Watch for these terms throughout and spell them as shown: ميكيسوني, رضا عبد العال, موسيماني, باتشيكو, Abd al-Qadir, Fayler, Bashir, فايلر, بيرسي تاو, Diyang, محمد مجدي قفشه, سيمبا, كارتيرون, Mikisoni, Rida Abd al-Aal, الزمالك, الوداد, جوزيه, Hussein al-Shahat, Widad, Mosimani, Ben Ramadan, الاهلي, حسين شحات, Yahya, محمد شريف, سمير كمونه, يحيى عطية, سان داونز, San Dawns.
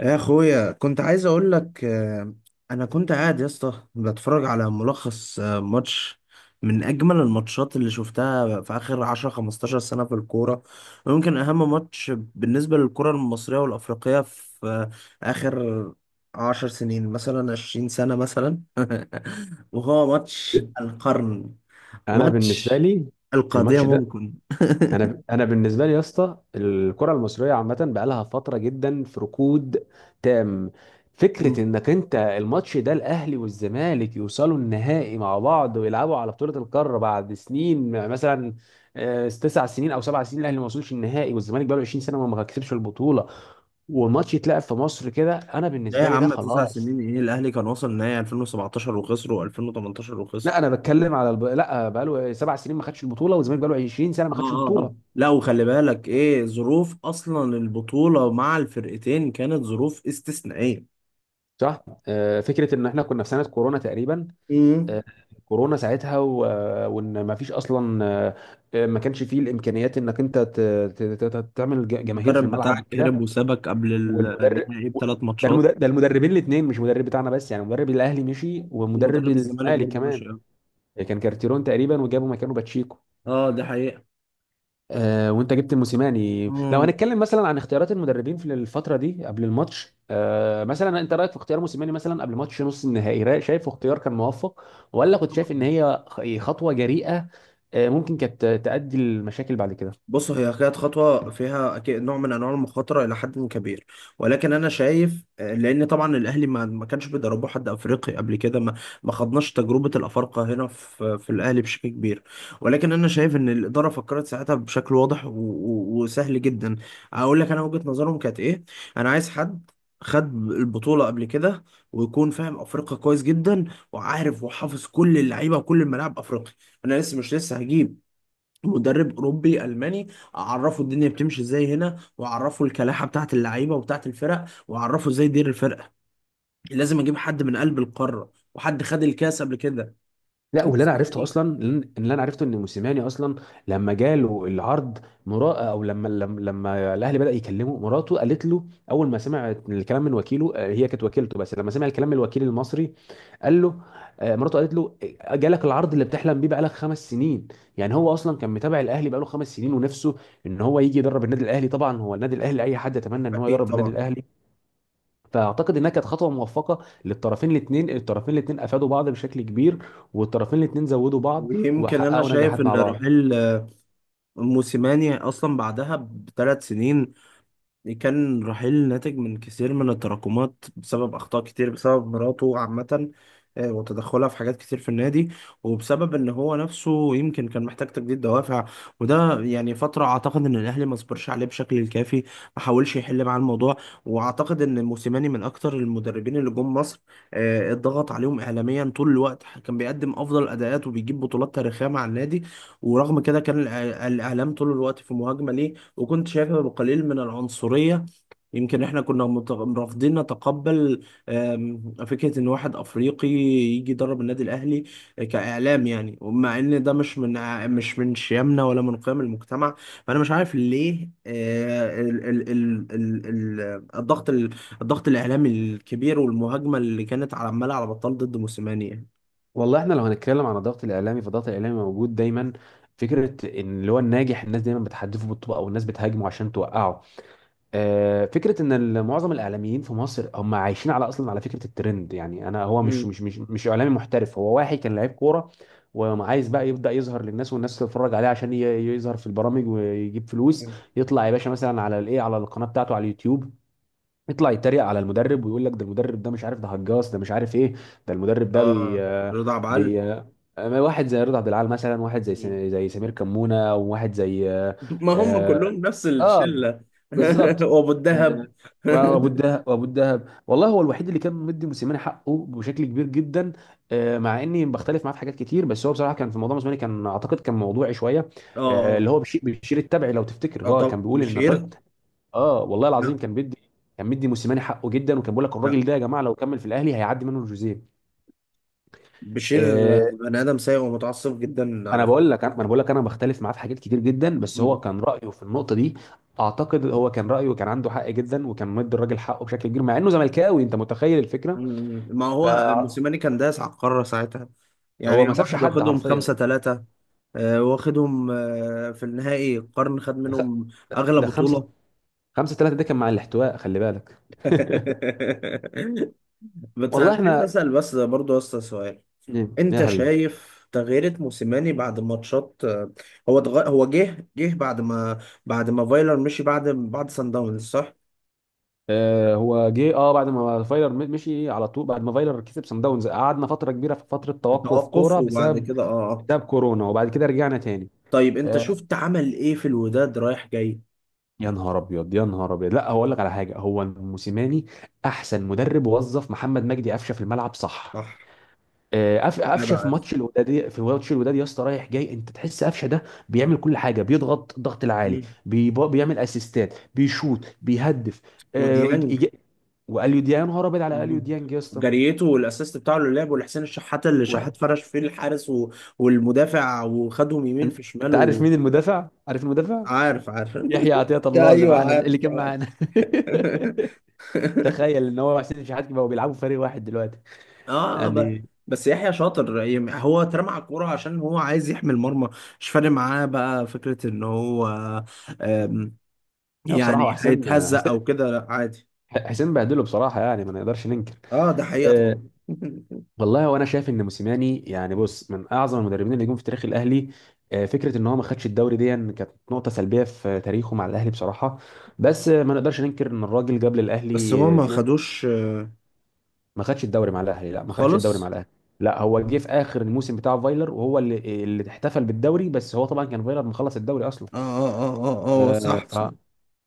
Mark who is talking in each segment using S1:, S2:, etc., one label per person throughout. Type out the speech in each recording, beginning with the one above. S1: يا اخويا، كنت عايز اقول لك، انا كنت قاعد يا اسطى بتفرج على ملخص، ماتش من اجمل الماتشات اللي شفتها في اخر 10 15 سنه في الكوره، ويمكن اهم ماتش بالنسبه للكره المصريه والافريقيه في اخر 10 سنين مثلا 20 سنه مثلا وهو ماتش القرن،
S2: انا بالنسبه
S1: ماتش
S2: لي
S1: القضيه
S2: الماتش ده،
S1: ممكن.
S2: انا بالنسبه لي يا اسطى، الكره المصريه عامه بقى لها فتره جدا في ركود تام. فكره
S1: مم.
S2: انك انت الماتش ده الاهلي والزمالك يوصلوا النهائي مع بعض ويلعبوا على بطوله القاره بعد سنين مثلا، 9 سنين او 7 سنين الاهلي ما وصلش النهائي، والزمالك بقى له 20 سنه ما كسبش البطوله، والماتش يتلعب في مصر كده. انا
S1: لا يا
S2: بالنسبه لي ده
S1: عم، تسع
S2: خلاص.
S1: سنين ايه، الاهلي كان وصل نهائي 2017 وخسر و2018 وخسر.
S2: لا انا بتكلم على لا، بقى له 7 سنين ما خدش البطوله، والزمالك بقى له 20 سنه ما
S1: اه،
S2: خدش
S1: اه، اه،
S2: البطوله.
S1: لا، وخلي بالك ايه، ظروف اصلا البطولة مع الفرقتين كانت ظروف استثنائية.
S2: صح. فكره ان احنا كنا في سنه كورونا تقريبا.
S1: امم.
S2: آه، كورونا ساعتها وان ما فيش اصلا، ما كانش فيه الامكانيات انك انت تعمل جماهير في
S1: المدرب
S2: الملعب
S1: بتاعك هرب
S2: وكده.
S1: وسابك قبل
S2: والمدرب
S1: النهائي بثلاث
S2: ده،
S1: ماتشات.
S2: المدربين الاثنين، مش مدرب بتاعنا بس يعني، مدرب الاهلي مشي ومدرب
S1: ومدرب الزمالك
S2: الزمالك
S1: برضه
S2: كمان.
S1: ماشي أوي.
S2: كان كارتيرون تقريبا، وجابوا مكانه باتشيكو.
S1: اه، دي حقيقة.
S2: وانت جبت موسيماني، لو
S1: مم.
S2: هنتكلم مثلا عن اختيارات المدربين في الفتره دي قبل الماتش، مثلا انت رايك في اختيار موسيماني مثلا قبل ماتش نص النهائي، رايك شايفه اختيار كان موفق، ولا كنت شايف ان
S1: طبعا.
S2: هي خطوه جريئه ممكن كانت تؤدي لمشاكل بعد كده؟
S1: بص، هي كانت خطوة فيها أكيد نوع من أنواع المخاطرة إلى حد كبير، ولكن أنا شايف لأن طبعا الأهلي ما كانش بيدربوا حد أفريقي قبل كده، ما خدناش تجربة الأفارقة هنا في الأهلي بشكل كبير. ولكن أنا شايف إن الإدارة فكرت ساعتها بشكل واضح وسهل جدا. أقول لك أنا وجهة نظرهم كانت إيه: أنا عايز حد خد البطولة قبل كده، ويكون فاهم أفريقيا كويس جدا، وعارف وحافظ كل اللعيبة وكل الملاعب أفريقيا. أنا لسه مش لسه هجيب مدرب اوروبي الماني، اعرفه الدنيا بتمشي ازاي هنا، واعرفه الكلاحه بتاعت اللعيبه وبتاعت الفرق، واعرفه ازاي يدير الفرقه. لازم اجيب حد من قلب القاره، وحد خد الكاس قبل كده.
S2: لا، واللي انا عرفته
S1: موسيماني.
S2: اصلا، اللي انا عرفته ان موسيماني اصلا لما جاله العرض، مرا، او لما الاهلي بدا يكلمه مراته قالت له، اول ما سمع الكلام من وكيله، هي كانت وكيلته، بس لما سمع الكلام من الوكيل المصري قال له، مراته قالت له، جالك العرض اللي بتحلم بيه بقالك 5 سنين. يعني هو اصلا كان متابع الاهلي بقاله 5 سنين، ونفسه ان هو يجي يدرب النادي الاهلي. طبعا هو النادي الاهلي اي حد يتمنى ان هو
S1: اكيد
S2: يدرب النادي
S1: طبعا.
S2: الاهلي. فاعتقد انها كانت خطوه موفقه للطرفين الاثنين، الطرفين الاثنين افادوا بعض بشكل كبير، والطرفين الاثنين زودوا بعض
S1: ويمكن انا
S2: وحققوا
S1: شايف
S2: نجاحات مع
S1: ان
S2: بعض.
S1: رحيل موسيماني اصلا بعدها ب3 سنين، كان رحيل ناتج من كثير من التراكمات، بسبب أخطاء كتير، بسبب مراته عامة، وتدخلها في حاجات كتير في النادي، وبسبب إن هو نفسه يمكن كان محتاج تجديد دوافع. وده يعني فترة أعتقد إن الأهلي ما صبرش عليه بشكل الكافي، ما حاولش يحل معاه الموضوع. وأعتقد إن موسيماني من أكتر المدربين اللي جم مصر، اتضغط عليهم إعلاميا طول الوقت. كان بيقدم أفضل أداءات وبيجيب بطولات تاريخية مع النادي، ورغم كده كان الإعلام طول الوقت في مهاجمة ليه. وكنت شايفها بقليل من العنصرية. يمكن احنا كنا رافضين نتقبل فكرة ان واحد افريقي يجي يدرب النادي الاهلي، كاعلام يعني. ومع ان ده مش من شيمنا ولا من قيم المجتمع. فانا مش عارف ليه، الضغط الضغط الاعلامي الكبير، والمهاجمة اللي كانت على عمالة على بطال ضد موسيماني يعني.
S2: والله احنا لو هنتكلم عن الضغط الاعلامي، فالضغط الاعلامي موجود دايما. فكره ان اللي هو الناجح، الناس دايما بتحدفه بالطوبه، او الناس بتهاجمه عشان توقعه. فكره ان معظم الاعلاميين في مصر هم عايشين على اصلا على فكره الترند. يعني انا هو مش
S1: مم.
S2: مش مش مش اعلامي محترف، هو واحد كان لعيب كوره وعايز بقى يبدا يظهر للناس، والناس تتفرج عليه، عشان يظهر في البرامج ويجيب فلوس. يطلع يا باشا مثلا على الايه، على القناه بتاعته، على اليوتيوب، يطلع يتريق على المدرب ويقول لك ده المدرب ده مش عارف، ده هجاص، ده مش عارف ايه. ده المدرب ده بي
S1: اه،
S2: آه،
S1: رضا عبد العال.
S2: بي آه، واحد زي رضا عبد العال مثلا، واحد زي زي سمير كمونه، وواحد زي
S1: ما هم
S2: آه،
S1: كلهم نفس
S2: اه
S1: الشله.
S2: بالظبط،
S1: وابو
S2: آه،
S1: الدهب.
S2: وابو الدهب، والله هو الوحيد اللي كان مدي موسيماني حقه بشكل كبير جدا. مع اني بختلف معاه في حاجات كتير، بس هو بصراحه كان في موضوع موسيماني كان اعتقد كان موضوعي شويه. اللي
S1: اه،
S2: هو بيشير التبعي، لو تفتكر،
S1: اه،
S2: هو كان
S1: طب
S2: بيقول ان
S1: بشير.
S2: الراجل، اه والله العظيم
S1: لا.
S2: كان بيدي، كان مدي موسيماني حقه جدا، وكان بيقول لك
S1: لا،
S2: الراجل ده يا جماعه لو كمل في الاهلي هيعدي منه جوزيه.
S1: بشير بني ادم سيء ومتعصب جدا
S2: ما انا
S1: على فكره.
S2: بقول لك انا ما انا بقول لك انا بختلف معاه في حاجات كتير جدا، بس هو
S1: م-
S2: كان رايه في النقطه دي، اعتقد هو كان رايه كان عنده حق جدا، وكان مدي الراجل حقه بشكل كبير مع انه زملكاوي، انت متخيل الفكره؟
S1: ما هو
S2: فهو
S1: موسيماني كان داس على القاره ساعتها، يعني
S2: ما سابش
S1: واحد
S2: حد
S1: واخدهم
S2: حرفيا.
S1: 5-3. واخدهم في النهائي القرن خد
S2: ده خ...
S1: منهم أغلى
S2: ده خمسه،
S1: بطولة.
S2: خمسه ثلاثه، ده كان مع الاحتواء خلي بالك.
S1: بس
S2: والله
S1: أنا عايز
S2: احنا،
S1: أسأل، بس برضو يا أسطى سؤال:
S2: ايه يا
S1: انت
S2: حبيبي؟
S1: شايف تغييرة موسيماني بعد ماتشات؟ هو جه بعد ما، بعد ما فايلر مشي، بعد سان داونز صح؟
S2: آه هو جه، اه بعد ما فايلر مشي، على طول بعد ما فايلر كسب سان داونز، قعدنا فتره كبيره في فتره توقف
S1: بتوقف
S2: كوره
S1: وبعد
S2: بسبب،
S1: كده، اه، اه.
S2: بسبب كورونا، وبعد كده رجعنا تاني.
S1: طيب انت
S2: آه،
S1: شفت عمل ايه في الوداد رايح جاي؟
S2: يا نهار ابيض، يا نهار ابيض، لا هقول لك على حاجه، هو موسيماني احسن مدرب وظف محمد مجدي قفشه في الملعب، صح؟
S1: صح. جدع
S2: قفشه في
S1: عارف.
S2: ماتش الوداد، في ماتش الوداد يا اسطى رايح جاي، انت تحس قفشه ده بيعمل كل حاجه، بيضغط الضغط العالي،
S1: مم.
S2: بيعمل اسيستات، بيشوط، بيهدف. آه، إج- إج-
S1: وديانج.
S2: واليو ديانج، يا نهار ابيض على اليو
S1: مم.
S2: ديانج يا اسطى.
S1: جريته، والاسيست بتاعه اللي لعبه لحسين الشحات، اللي شحات
S2: و-
S1: فرش فيه الحارس والمدافع وخدهم يمين
S2: أن-
S1: في
S2: انت
S1: شمال.
S2: عارف مين المدافع؟ عارف المدافع؟
S1: وعارف، عارف، عارف.
S2: يحيى عطية الله، اللي
S1: ايوه
S2: معانا
S1: عارف.
S2: اللي كان معانا. تخيل ان هو حسين شحات بقوا بيلعبوا في فريق واحد دلوقتي
S1: اه،
S2: يعني.
S1: بس يحيى شاطر يعني، هو اترمى على الكوره عشان هو عايز يحمي المرمى، مش فارق معاه بقى فكره ان هو آم،
S2: لا بصراحة هو
S1: يعني
S2: حسين،
S1: هيتهزق
S2: حسين
S1: او كده، لا عادي.
S2: حسين بهدله بصراحة، يعني ما نقدرش ننكر.
S1: اه، ده حقيقه
S2: أه.
S1: طبعا.
S2: والله وانا شايف ان موسيماني يعني، بص، من اعظم المدربين اللي جم في تاريخ الاهلي. أه، فكرة ان هو ما خدش الدوري دي كانت نقطة سلبية في تاريخه مع الاهلي بصراحة. بس ما نقدرش ننكر ان الراجل جاب
S1: بس
S2: للاهلي،
S1: هو ما
S2: اتنين.
S1: خدوش
S2: ما خدش الدوري مع الاهلي، لا ما خدش الدوري مع
S1: خالص.
S2: الاهلي لا هو جه في اخر الموسم بتاع فايلر، وهو اللي احتفل بالدوري، بس هو طبعا كان فايلر مخلص الدوري اصلا.
S1: اه، اه، اه، اه، اه،
S2: أه،
S1: صح، صح.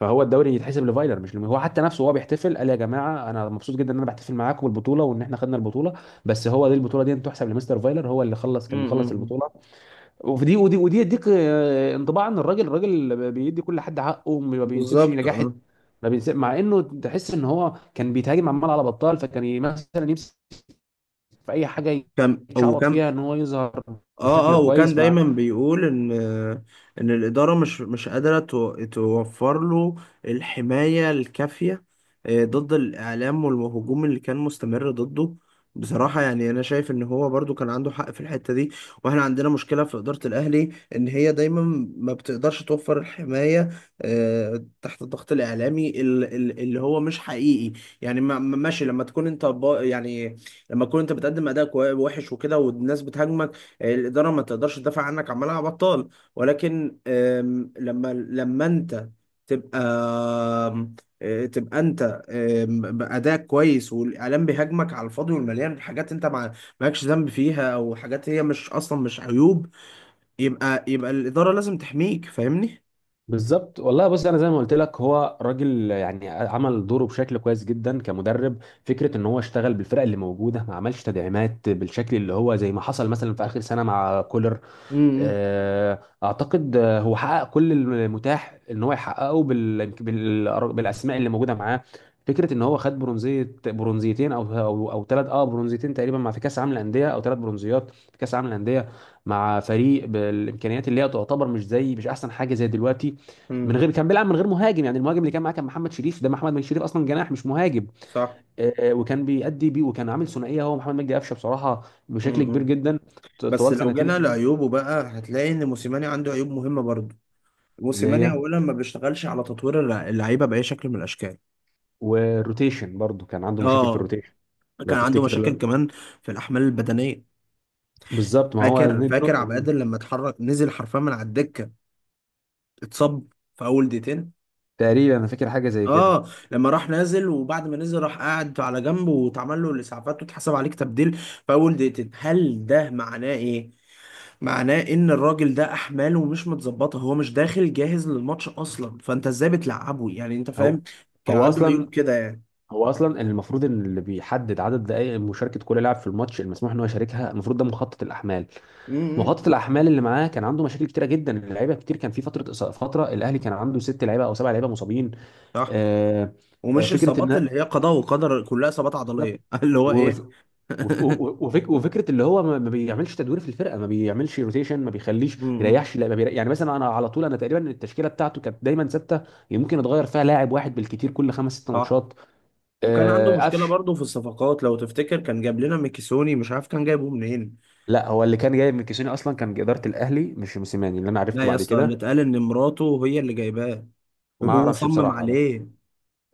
S2: فهو الدوري يتحسب لفايلر، مش لم... هو حتى نفسه وهو بيحتفل قال يا جماعه انا مبسوط جدا ان انا بحتفل معاكم بالبطوله وان احنا خدنا البطوله، بس هو دي، البطوله دي تحسب لمستر فايلر، هو اللي خلص،
S1: م-
S2: كان
S1: م-
S2: مخلص
S1: م.
S2: البطوله. وفي دي، ودي ودي يديك انطباع ان الراجل، الراجل بيدي كل حد حقه، ما بينسبش
S1: بالظبط
S2: نجاح،
S1: اه.
S2: ما بينسب، مع انه تحس ان هو كان بيتهاجم عمال على بطال. فكان مثلا يمسك في اي حاجه
S1: كم
S2: يتشعبط
S1: وكم.
S2: فيها ان هو يظهر
S1: اه،
S2: بشكل
S1: اه، وكان
S2: كويس مع.
S1: دايما بيقول ان الاداره مش قادره توفر له الحمايه الكافيه ضد الاعلام والهجوم اللي كان مستمر ضده. بصراحه يعني انا شايف ان هو برضو كان عنده حق في الحته دي. واحنا عندنا مشكله في اداره الاهلي، ان هي دايما ما بتقدرش توفر الحمايه تحت الضغط الاعلامي اللي هو مش حقيقي يعني. ماشي لما تكون انت يعني، لما تكون انت بتقدم اداء وحش وكده والناس بتهاجمك، الاداره ما تقدرش تدافع عنك عمالها بطال. ولكن لما انت تبقى آم، آه، تبقى انت بادائك كويس، والاعلام بيهاجمك على الفاضي والمليان بحاجات انت ما مالكش ذنب فيها، او حاجات هي مش اصلا مش عيوب، يبقى الاداره لازم تحميك، فاهمني.
S2: بالظبط والله، بص انا زي ما قلت لك، هو راجل يعني عمل دوره بشكل كويس جدا كمدرب. فكره ان هو اشتغل بالفرق اللي موجوده، ما عملش تدعيمات بالشكل اللي هو زي ما حصل مثلا في اخر سنه مع كولر.
S1: امم.
S2: اعتقد هو حقق كل المتاح ان هو يحققه بالاسماء اللي موجوده معاه. فكره ان هو خد برونزيه، برونزيتين، او او ثلاث، اه برونزيتين تقريبا مع، في كاس عالم الانديه، او 3 برونزيات في كاس عالم الانديه، مع فريق بالامكانيات اللي هي تعتبر مش زي، مش احسن حاجه زي دلوقتي. من
S1: امم.
S2: غير، كان بيلعب من غير مهاجم يعني، المهاجم اللي كان معاه كان محمد شريف، ده محمد مجدي شريف اصلا جناح مش مهاجم.
S1: صح.
S2: وكان بيأدي بيه، وكان عامل ثنائيه هو محمد مجدي قفشه بصراحه بشكل كبير
S1: امم.
S2: جدا
S1: بس
S2: طوال
S1: لو
S2: سنتين
S1: جينا
S2: اتنين.
S1: لعيوبه بقى هتلاقي ان موسيماني عنده عيوب مهمه برضه.
S2: اللي
S1: موسيماني
S2: هي،
S1: اولا ما بيشتغلش على تطوير اللعيبه باي شكل من الاشكال.
S2: والروتيشن برضو كان عنده مشاكل في
S1: اه،
S2: الروتيشن لو
S1: كان عنده
S2: تفتكر.
S1: مشاكل
S2: لا
S1: كمان في الأحمال البدنية.
S2: بالظبط، ما هو
S1: فاكر،
S2: دي
S1: فاكر
S2: نقطة
S1: عبد
S2: مهمة.
S1: القادر لما اتحرك، نزل حرفيا من على الدكة، اتصاب في أول دقيقتين.
S2: تقريبا انا فاكر حاجه زي كده.
S1: اه، لما راح نازل، وبعد ما نزل راح قاعد على جنب، واتعمل له الإسعافات، واتحسب عليك تبديل في أول دقيقتين، هل ده معناه إيه؟ معناه إن الراجل ده أحماله مش متظبطة، هو مش داخل جاهز للماتش أصلا، فأنت إزاي بتلعبه؟ يعني أنت
S2: هو
S1: فاهم، كان
S2: هو
S1: عنده
S2: اصلا
S1: عيوب كده يعني.
S2: هو اصلا المفروض ان اللي بيحدد عدد دقائق مشاركه كل لاعب في الماتش، المسموح ان هو يشاركها، المفروض ده مخطط الاحمال.
S1: امم.
S2: مخطط الاحمال اللي معاه كان عنده مشاكل كتيره جدا، اللعيبه كتير كان في فتره فتره الاهلي كان عنده 6 لعيبه او 7 لعيبه مصابين.
S1: صح.
S2: آه،
S1: ومش
S2: فكره
S1: إصابات
S2: ان،
S1: اللي هي قضاء وقدر، كلها إصابات
S2: بالظبط،
S1: عضلية اللي هو
S2: وف-
S1: إيه؟
S2: وفكره اللي هو ما بيعملش تدوير في الفرقه، ما بيعملش روتيشن، ما بيخليش
S1: امم،
S2: يريحش، لا ما بيريح. يعني مثلا انا على طول، انا تقريبا التشكيله بتاعته كانت دايما ثابته، يمكن اتغير فيها لاعب واحد بالكتير كل خمس ست
S1: صح.
S2: ماتشات.
S1: وكان عنده
S2: آه،
S1: مشكله
S2: قفش
S1: برضه في الصفقات، لو تفتكر كان جاب لنا ميكيسوني، مش عارف كان جايبه منين.
S2: لا، هو اللي كان جاي من كيسوني اصلا كان اداره الاهلي، مش موسيماني، اللي انا عرفته
S1: لا يا
S2: بعد
S1: اسطى،
S2: كده.
S1: اللي اتقال ان مراته هي اللي جايباه،
S2: ما
S1: وهو
S2: اعرفش
S1: صمم
S2: بصراحه، بس
S1: عليه.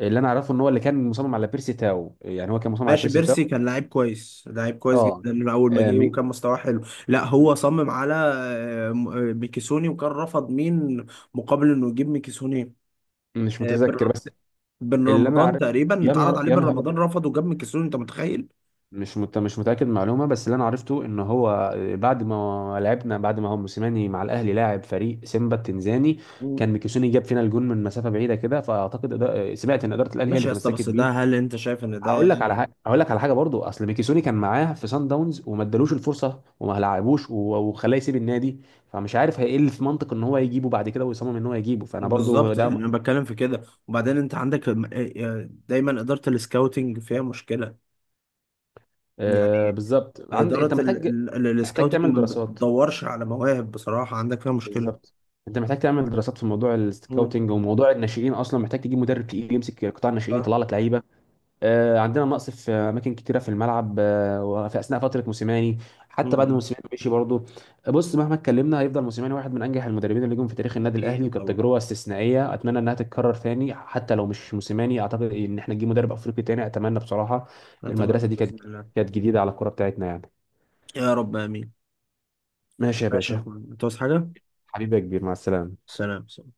S2: اللي انا اعرفه ان هو اللي كان مصمم على بيرسي تاو يعني، هو كان مصمم على
S1: ماشي،
S2: بيرسي
S1: بيرسي
S2: تاو.
S1: كان لعيب كويس، لعيب كويس
S2: اه،
S1: جدا من اول ما
S2: آه،
S1: جه،
S2: مي-
S1: وكان مستواه حلو. لا
S2: م-
S1: هو صمم على ميكيسوني، وكان رفض مين مقابل انه يجيب ميكيسوني؟
S2: مش
S1: آه،
S2: متذكر،
S1: بن
S2: بس
S1: بن
S2: اللي انا
S1: رمضان
S2: عارف،
S1: تقريبا
S2: يا
S1: اتعرض
S2: نهار،
S1: عليه،
S2: يا
S1: بن
S2: نهار
S1: رمضان
S2: ابيض،
S1: رفض وجاب ميكيسوني، انت متخيل.
S2: مش متاكد من المعلومه، بس اللي انا عرفته ان هو بعد ما لعبنا، بعد ما هو موسيماني مع الاهلي لاعب فريق سيمبا التنزاني،
S1: مم.
S2: كان ميكيسوني جاب فينا الجون من مسافه بعيده كده، فاعتقد سمعت ان اداره الاهلي هي اللي
S1: ماشي يا اسطى،
S2: تمسكت
S1: بس
S2: بيه.
S1: ده هل انت شايف ان ده
S2: هقول لك على
S1: يعني؟
S2: حاجه، برضو اصل ميكيسوني كان معاه في سان داونز وما ادالوش الفرصه وما لعبوش وخلاه يسيب النادي، فمش عارف هي ايه اللي في منطق ان هو يجيبه بعد كده ويصمم ان هو يجيبه، فانا برضو
S1: بالظبط. يعني
S2: ده.
S1: انا بتكلم في كده. وبعدين انت عندك دايما اداره السكاوتنج فيها مشكله،
S2: آه
S1: يعني
S2: بالظبط، عندك انت
S1: اداره
S2: محتاج، محتاج
S1: السكاوتنج
S2: تعمل
S1: ما
S2: دراسات،
S1: بتدورش على مواهب بصراحه، عندك فيها مشكله.
S2: بالظبط، انت محتاج تعمل دراسات في موضوع
S1: امم.
S2: السكاوتنج وموضوع الناشئين، اصلا محتاج تجيب مدرب تقيل يمسك قطاع الناشئين
S1: صح.
S2: يطلع لك لعيبه. آه، عندنا نقص في اماكن كتيره في الملعب، آه، وفي اثناء فتره موسيماني، حتى بعد ما
S1: امم.
S2: موسيماني مشي برضه. بص، مهما اتكلمنا هيفضل موسيماني واحد من انجح المدربين اللي جم في تاريخ النادي
S1: اكيد
S2: الاهلي، وكانت
S1: طبعا.
S2: تجربه استثنائيه اتمنى انها تتكرر ثاني، حتى لو مش موسيماني، اعتقد ان احنا نجيب مدرب افريقي تاني اتمنى بصراحه. المدرسه
S1: اتمنى
S2: دي كانت،
S1: باذن الله.
S2: كانت جديده على الكره بتاعتنا يعني.
S1: يا رب امين.
S2: ماشي يا
S1: ماشي يا
S2: باشا.
S1: اخويا، انت عاوز حاجه؟
S2: حبيبي يا كبير، مع السلامه.
S1: سلام.